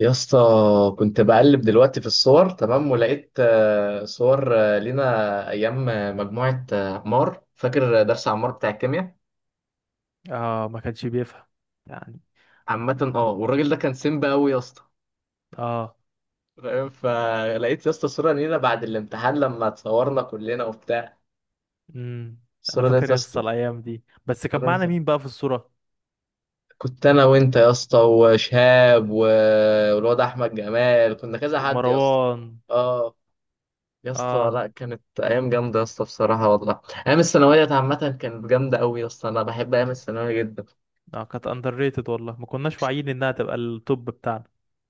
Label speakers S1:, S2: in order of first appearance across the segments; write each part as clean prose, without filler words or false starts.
S1: يا اسطى، كنت بقلب دلوقتي في الصور. تمام، ولقيت صور لينا، ايام، مجموعه، عمار. فاكر درس عمار بتاع الكيمياء؟
S2: اه، ما كانش بيفهم يعني.
S1: عامه اه، والراجل ده كان سيمبا قوي يا اسطى،
S2: اه.
S1: فاهم؟ فلقيت يا اسطى صوره لينا بعد الامتحان لما اتصورنا كلنا وبتاع.
S2: امم. انا
S1: الصوره ديت
S2: فاكر
S1: يا
S2: يسطا
S1: اسطى،
S2: الايام دي، بس كان
S1: الصورة دي
S2: معانا
S1: كان-
S2: مين بقى في الصورة؟
S1: كنت انا وانت يا اسطى وشهاب والواد احمد جمال، كنا كذا حد يا اسطى.
S2: ومروان.
S1: اه يا اسطى،
S2: اه.
S1: لا كانت ايام جامده يا اسطى بصراحه والله. ايام الثانويه عامه كانت جامده قوي يا اسطى، انا بحب ايام الثانويه جدا.
S2: اه، كانت اندر ريتد والله، ما كناش واعيين انها تبقى التوب بتاعنا.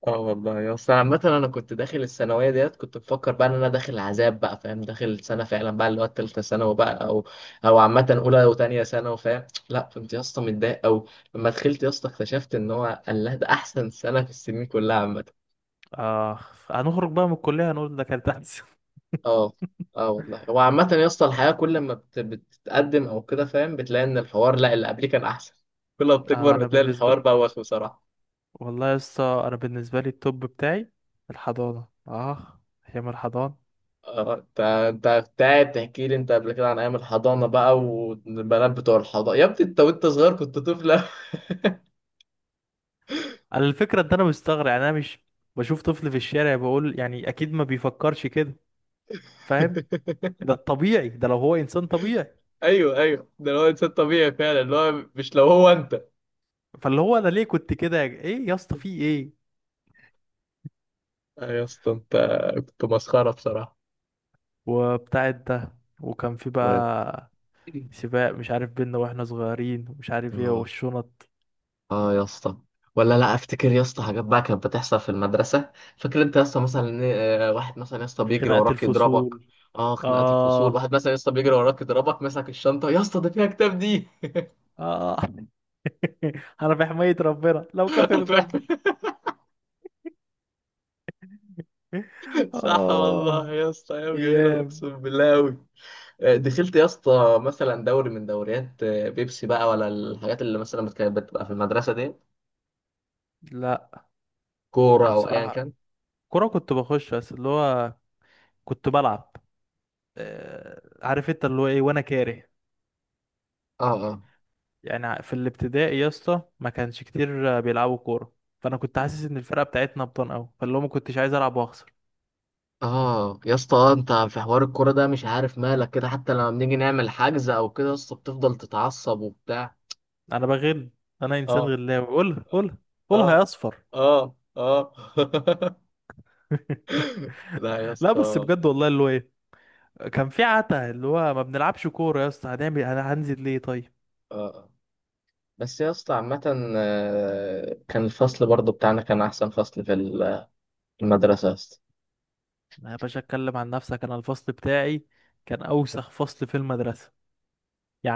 S1: اه والله يا اسطى، عامه انا كنت داخل الثانويه ديت كنت بفكر بقى ان انا داخل عذاب بقى، فاهم، داخل سنه فعلا بقى اللي هو الثالثه ثانوي بقى، او عامه اولى وثانيه ثانوي، فاهم. لا كنت يا اسطى متضايق قوي. لما دخلت يا اسطى اكتشفت ان هو الله ده احسن سنه في السنين كلها عامه.
S2: اه. هنخرج بقى من الكلية هنقول ده كانت احسن.
S1: اه اه والله، هو عامة يا اسطى الحياة كل ما بتتقدم او كده فاهم، بتلاقي ان الحوار لا اللي قبليه كان احسن. كل ما
S2: اه
S1: بتكبر
S2: انا
S1: بتلاقي
S2: بالنسبة
S1: الحوار بقى وسخ بصراحة.
S2: والله يسطا، انا بالنسبة لي التوب بتاعي الحضانة. اه ايام الحضانة.
S1: اه انت كنت قاعد تحكي لي انت قبل كده عن ايام الحضانة بقى والبنات بتوع الحضانة يا ابني، انت وانت صغير كنت طفل أوي.
S2: انا الفكرة ان انا مستغرب، يعني انا مش بشوف طفل في الشارع بقول يعني اكيد ما بيفكرش كده، فاهم؟ ده الطبيعي، ده لو هو انسان طبيعي.
S1: ايوه ايوه، ده اللي هو انسان طبيعي فعلا، اللي هو مش لو هو انت.
S2: فاللي هو انا ليه كنت كده يا ايه يا اسطى؟ في ايه؟
S1: آه يا اسطى، انت كنت مسخرة بصراحة.
S2: وبتاع ده. وكان في
S1: و...
S2: بقى سباق مش عارف بينا واحنا صغيرين، ومش عارف ايه
S1: اه
S2: والشنط.
S1: اه يا اسطى، ولا لا افتكر يا اسطى حاجات بقى كانت بتحصل في المدرسه. فاكر انت يا اسطى مثلا إن، واحد مثلا يا اسطى بيجري
S2: خناقة
S1: وراك يضربك.
S2: الفصول.
S1: اه خناقات الفصول،
S2: اه.
S1: واحد مثلا يا اسطى بيجري وراك يضربك مسك الشنطه يا اسطى، ده فيها كتاب دي.
S2: اه. انا بحماية ربنا لو كفرت ربي.
S1: صح
S2: اه.
S1: والله يا اسطى، ايام جميله
S2: ايام.
S1: اقسم بالله قوي. دخلت يا اسطى مثلا دوري من دوريات بيبسي بقى، ولا الحاجات اللي مثلا كانت بتبقى في المدرسه دي،
S2: لا.
S1: كوره
S2: يعني
S1: او ايا
S2: بصراحة،
S1: كان؟
S2: كرة كنت بخش بس اللي هو كنت بلعب. عارف انت اللي هو ايه، وانا كاره
S1: اه اه
S2: يعني. في الابتدائي يا اسطى ما كانش كتير بيلعبوا كوره، فانا كنت حاسس ان الفرقه بتاعتنا ابطال قوي، فاللي هو ما كنتش عايز العب واخسر.
S1: اه يا اسطى، انت في حوار الكوره ده مش عارف مالك كده، حتى لما بنيجي نعمل حجز او كده يا اسطى بتفضل تتعصب وبتاع.
S2: انا بغل. انا انسان
S1: اه
S2: غلاوي. قول قول. قولها
S1: اه
S2: يا اصفر.
S1: اه لا يا
S2: لا
S1: اسطى
S2: بس
S1: آه.
S2: بجد والله، اللي هو ايه. كان في عتا اللي هو ما بنلعبش كوره يا اسطى، هنعمل انا هنزل ليه طيب.
S1: آه. بس يا اسطى عامة، كان الفصل برضو بتاعنا كان أحسن فصل في المدرسة يا اسطى.
S2: يا باشا، اتكلم عن نفسك. انا الفصل بتاعي كان اوسخ فصل في المدرسه.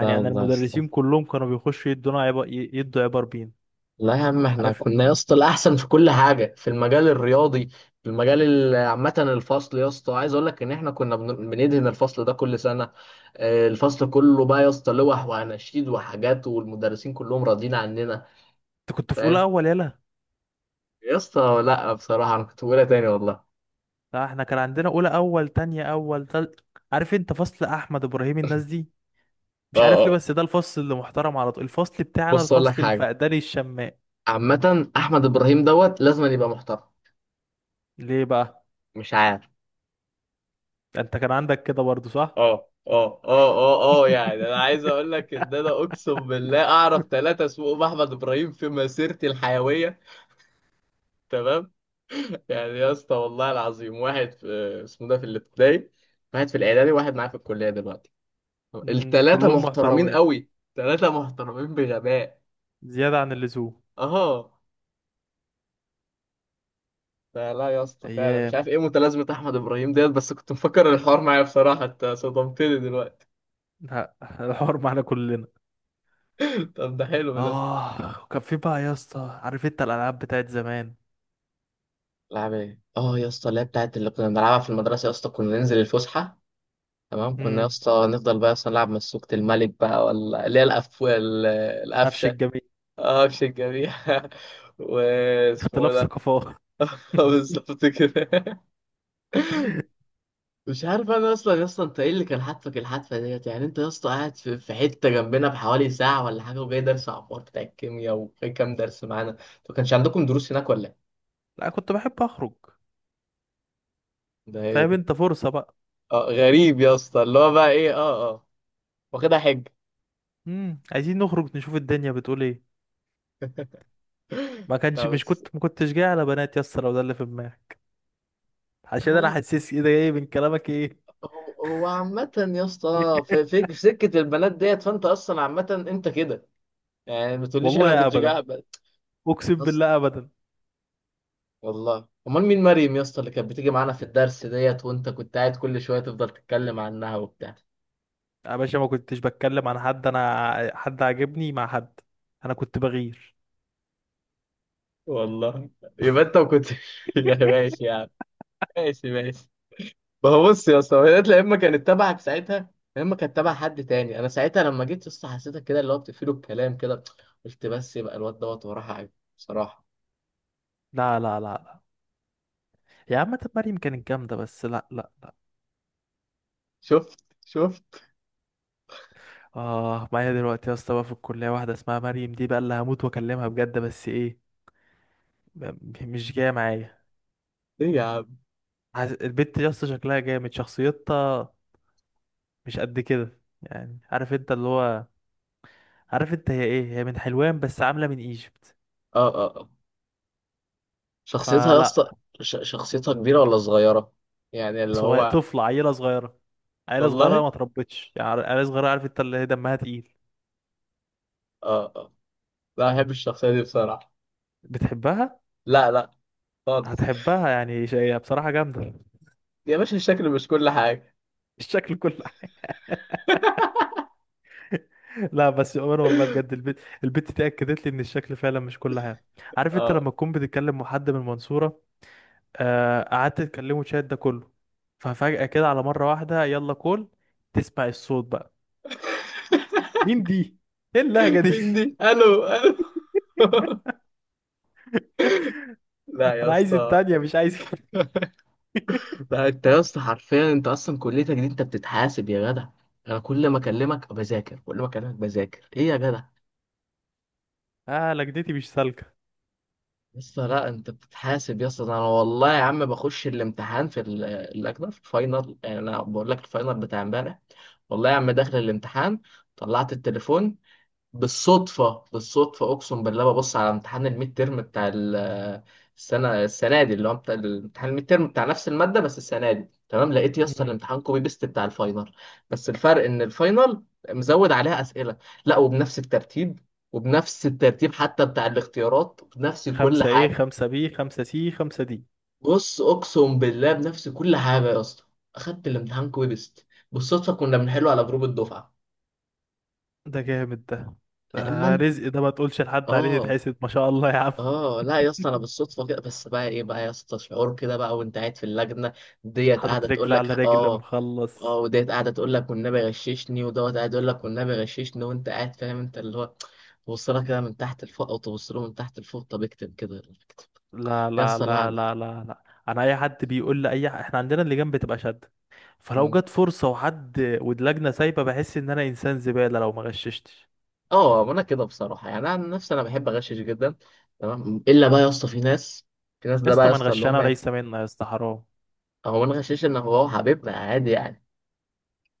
S1: لا
S2: انا
S1: والله يا اسطى،
S2: المدرسين كلهم كانوا بيخشوا يدونا عبر، يدوا عبر بين.
S1: لا يا عم، احنا
S2: عارف
S1: كنا يا اسطى الاحسن في كل حاجه في المجال الرياضي. في المجال عامه الفصل يا اسطى، عايز اقول لك ان احنا كنا بندهن الفصل ده كل سنه. الفصل كله بقى يا اسطى لوح واناشيد وحاجات، والمدرسين كلهم راضيين عننا،
S2: انت كنت في اولى
S1: فاهم.
S2: اول يلا.
S1: يا اسطى لا بصراحه، انا كنت بقولها تاني والله.
S2: لا، احنا كان عندنا اولى اول، تانية اول، تالت. عارف انت فصل احمد ابراهيم، الناس دي؟
S1: اه
S2: مش عارف ليه
S1: اه،
S2: بس ده الفصل اللي محترم على طول، الفصل بتاعنا
S1: بص اقول لك
S2: الفصل
S1: حاجه،
S2: الفقداني الشماء.
S1: عامه احمد ابراهيم دوت لازم يبقى محترم.
S2: ليه بقى؟
S1: مش عارف.
S2: ده انت كان عندك كده برضو صح.
S1: اه اه اه اه يعني انا عايز اقول لك ان انا اقسم بالله اعرف ثلاثة اسمهم احمد ابراهيم في مسيرتي الحيوية. تمام. يعني يا اسطى والله العظيم، واحد في اسمه ده في الابتدائي، واحد في الاعدادي، واحد معايا في الكلية دلوقتي.
S2: امم،
S1: الثلاثة
S2: كلهم
S1: محترمين
S2: محترمين.
S1: قوي، ثلاثة محترمين بغباء.
S2: زيادة عن اللزوم.
S1: اه فلا يا اسطى، فعلا مش عارف
S2: ايام.
S1: ايه متلازمة احمد ابراهيم ديت، بس كنت مفكر الحوار معايا بصراحة. انت صدمتني دلوقتي.
S2: لا، الحوار معانا كلنا.
S1: طب ده حلو ده.
S2: اه، وكان في بقى يا اسطى، عارف انت الالعاب بتاعت زمان.
S1: لعب ايه؟ اه يا اسطى، اللي هي بتاعت اللي كنا بنلعبها في المدرسه يا اسطى، كنا ننزل الفسحه تمام، كنا يا
S2: امم.
S1: اسطى نفضل بقى يا اسطى نلعب مسوكة الملك بقى، ولا اللي هي
S2: قفش
S1: القفشه.
S2: الجميل.
S1: اه قفش الجميع. واسمه
S2: اختلاف
S1: ده.
S2: ثقافات.
S1: بالظبط كده. مش عارف انا اصلا يا اسطى، انت ايه اللي كان حاتفك الحتفه ديت؟ يعني انت يا اسطى قاعد في حته جنبنا بحوالي ساعه ولا حاجه، وجاي درس عبار بتاع الكيمياء، وجاي كام درس معانا. انتوا كانش عندكم دروس هناك ولا إيه؟
S2: لا، كنت بحب اخرج.
S1: ده ايه
S2: فاهم
S1: ده؟
S2: انت، فرصة بقى.
S1: اه غريب يا اسطى، اللي هو بقى ايه، اه اه، واخدها حجه.
S2: عايزين نخرج نشوف الدنيا بتقول ايه.
S1: لا بس،
S2: ما كنتش جاي على بنات يس، لو ده اللي في دماغك. عشان انا
S1: هو
S2: حاسس كده، ايه ده جاي من كلامك ايه؟
S1: هو عامة يا اسطى، في في في سكة البنات ديت، فانت اصلا عامة انت كده. يعني ما تقوليش انا ما
S2: والله
S1: كنتش
S2: ابدا.
S1: قاعد
S2: اقسم
S1: اصلا.
S2: بالله ابدا.
S1: والله امال مين مريم يا اسطى اللي كانت بتيجي معانا في الدرس ديت، وانت كنت قاعد كل شوية تفضل تتكلم عنها وبتاع؟
S2: يا باشا، ما كنتش بتكلم عن حد. انا حد عاجبني مع حد، انا كنت بغير.
S1: والله يبقى انت ما كنتش. يا ماشي يا عم، ماشي ماشي. ما هو بص يا اسطى، هي يا اما كانت تبعك ساعتها، يا اما كانت تبع حد تاني. انا ساعتها لما جيت يا اسطى حسيتك كده اللي هو بتقفله الكلام كده، قلت بس يبقى الواد دوت وراه حاجه بصراحه.
S2: لا لا لا لا. يا عم طب مريم كانت جامده، بس لا لا.
S1: شفت.
S2: اه، معايا دلوقتي يا اسطى بقى في الكليه واحده اسمها مريم دي بقى، اللي هموت واكلمها بجد، بس ايه، م- مش جايه معايا.
S1: ايه يا عم؟
S2: البت يا اسطى شكلها جامد، شخصيتها مش قد كده يعني، عارف انت اللي هو. عارف انت هي ايه، هي من حلوان بس عامله من ايجيبت.
S1: اه شخصيتها يا اسطى،
S2: فلا.
S1: شخصيتها كبيره ولا صغيره؟ يعني اللي
S2: صغير،
S1: هو،
S2: طفله، عيله صغيره. عيله صغيره
S1: والله.
S2: ما تربتش يعني، عيله صغيره، عارف انت اللي هي دمها تقيل.
S1: اه اه، لا بحب الشخصيه دي بصراحه.
S2: بتحبها؟
S1: لا لا، خالص.
S2: هتحبها يعني، هي بصراحه جامده.
S1: يا باشا الشكل مش كل حاجه.
S2: الشكل كل حاجه. لا بس يا عمر والله بجد، البت دي اكدت لي ان الشكل فعلا مش كل حاجه. عارف انت
S1: اه،
S2: لما تكون بتتكلم مع حد من المنصوره، قعدت تكلمه شات ده كله، ففجاه كده على مره واحده يلا، كل تسمع الصوت بقى، مين دي، ايه اللهجة دي؟
S1: مين دي؟ الو الو. لا يا
S2: انا عايز
S1: اسطى.
S2: التانية مش عايز كده.
S1: بقى انت يا اسطى حرفيا، انت اصلا كليتك دي انت بتتحاسب يا جدع. انا كل ما اكلمك بذاكر، كل ما اكلمك بذاكر، ايه يا جدع؟
S2: اه، لجدتي مش سالكة.
S1: يا اسطى لا، انت بتتحاسب يا اسطى ده. انا والله يا عم بخش الامتحان في الاجنبي في الفاينل، يعني انا بقول لك الفاينل بتاع امبارح. والله يا عم داخل الامتحان، طلعت التليفون بالصدفة، بالصدفة أقسم بالله، ببص على امتحان الميد تيرم بتاع السنة. السنة دي اللي هو بتاع الامتحان الميد تيرم بتاع نفس المادة، بس السنة دي تمام. لقيت يا اسطى
S2: مم.
S1: الامتحان كوبي بيست بتاع الفاينل، بس الفرق إن الفاينل مزود عليها أسئلة. لا، وبنفس الترتيب، وبنفس الترتيب حتى بتاع الاختيارات، وبنفس كل
S2: خمسة ايه،
S1: حاجة.
S2: خمسة بي، خمسة سي، خمسة دي.
S1: بص أقسم بالله بنفس كل حاجة يا اسطى. أخدت الامتحان كوبي بيست بالصدفة، كنا بنحله على جروب الدفعة.
S2: ده جامد ده.
S1: لا إما
S2: ده
S1: أنت
S2: رزق ده، ما تقولش لحد عليه
S1: آه.
S2: يتحسد، ما شاء الله يا عم.
S1: اه لا يا اسطى، انا بالصدفه كده. بس بقى ايه بقى يا اسطى، شعور كده بقى وانت قاعد في اللجنه ديت،
S2: حاطط
S1: قاعده تقول
S2: رجل
S1: لك
S2: على رجل،
S1: اه، اه،
S2: مخلص.
S1: وديت قاعده تقول لك والنبي غششني، ودوت قاعد يقول لك والنبي غششني، وانت قاعد فاهم انت اللي هو، تبص لها كده من تحت لفوق او تبص له من تحت لفوق، طب اكتب كده.
S2: لا
S1: يا
S2: لا
S1: اسطى لا
S2: لا
S1: انا.
S2: لا لا لا. انا اي حد بيقول لي اي احنا عندنا اللجان بتبقى شد، فلو
S1: مم.
S2: جت فرصة وحد واللجنة سايبة بحس ان انا انسان زبالة لو ما غششتش.
S1: اه، ما انا كده بصراحه. يعني انا عن نفسي انا بحب اغشش جدا تمام، الا بقى يا اسطى في ناس، في ناس
S2: يا
S1: ده بقى
S2: اسطى
S1: يا
S2: ما
S1: اسطى اللي
S2: نغش انا،
S1: هم.
S2: وليس منا يا اسطى حرام.
S1: هو ما نغشش ان هو حبيبنا عادي يعني.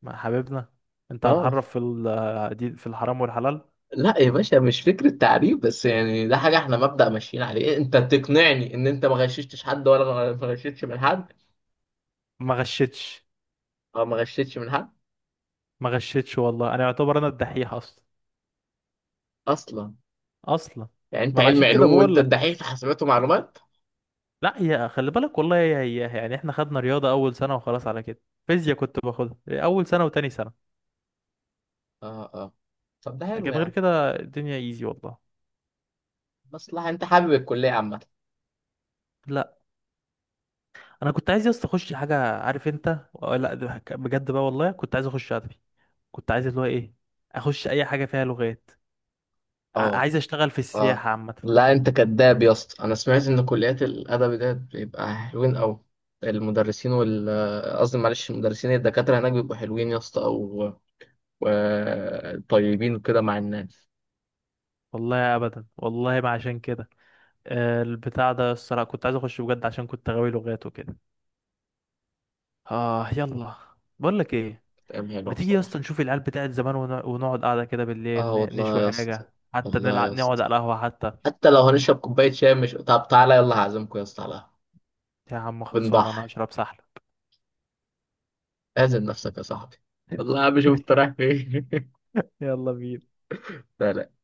S2: ما حبيبنا. انت
S1: اه
S2: هتحرف في دي، في الحرام والحلال.
S1: لا يا باشا، مش فكرة تعريف بس، يعني ده حاجة احنا مبدأ ماشيين عليه. إيه، انت تقنعني ان انت ما غششتش حد ولا ما غششتش من حد
S2: ما غشتش.
S1: او ما غششتش من حد
S2: ما غشتش والله، انا يعتبر انا الدحيح اصلا.
S1: اصلا؟
S2: اصلا.
S1: يعني انت
S2: ما انا
S1: علم
S2: عشان كده
S1: علوم وانت
S2: بقول لك.
S1: الدحيح في حسابات ومعلومات.
S2: لا، هي خلي بالك والله هي، هي يعني احنا خدنا رياضه اول سنه وخلاص على كده. فيزياء كنت باخدها اول سنه وتاني سنه.
S1: اه اه، طب ده حلو
S2: لكن غير
S1: يعني.
S2: كده الدنيا ايزي والله.
S1: مصلحة، انت حابب الكلية عامة؟
S2: لا، انا كنت عايز يا اسطى اخش حاجه، عارف انت، لا ده بجد بقى والله كنت عايز اخش ادبي. كنت عايز اللي هو ايه، اخش اي حاجه فيها لغات.
S1: اه
S2: عايز اشتغل في
S1: اه.
S2: السياحه عامه.
S1: لا انت كداب يا اسطى، انا سمعت ان كليات الادب ده بيبقى حلوين قوي، المدرسين وال، قصدي معلش المدرسين الدكاترة هناك بيبقوا حلوين يا اسطى، او طيبين كده مع الناس.
S2: والله ابدا، والله ما عشان كده. البتاع ده الصراحه كنت عايز اخش بجد عشان كنت غاوي لغات وكده. اه يلا. بقول لك ايه،
S1: كلام حلو
S2: ما تيجي يا
S1: بصراحة.
S2: اسطى نشوف العيال بتاعت زمان ونقعد قاعده كده بالليل،
S1: اه والله
S2: نشوي
S1: يا اسطى،
S2: حاجه حتى،
S1: والله يا
S2: نلعب، نقعد
S1: اسطى،
S2: على القهوه حتى.
S1: حتى لو هنشرب كوباية شاي مش، طب تعالى يلا هعزمكم يا اسطى على قهوة.
S2: يا عم خلصانه، انا
S1: بنضحي،
S2: هشرب سحله.
S1: اعزم نفسك يا صاحبي. والله يا عم شوف انت رايح فين.
S2: يلا بينا.
S1: سلام.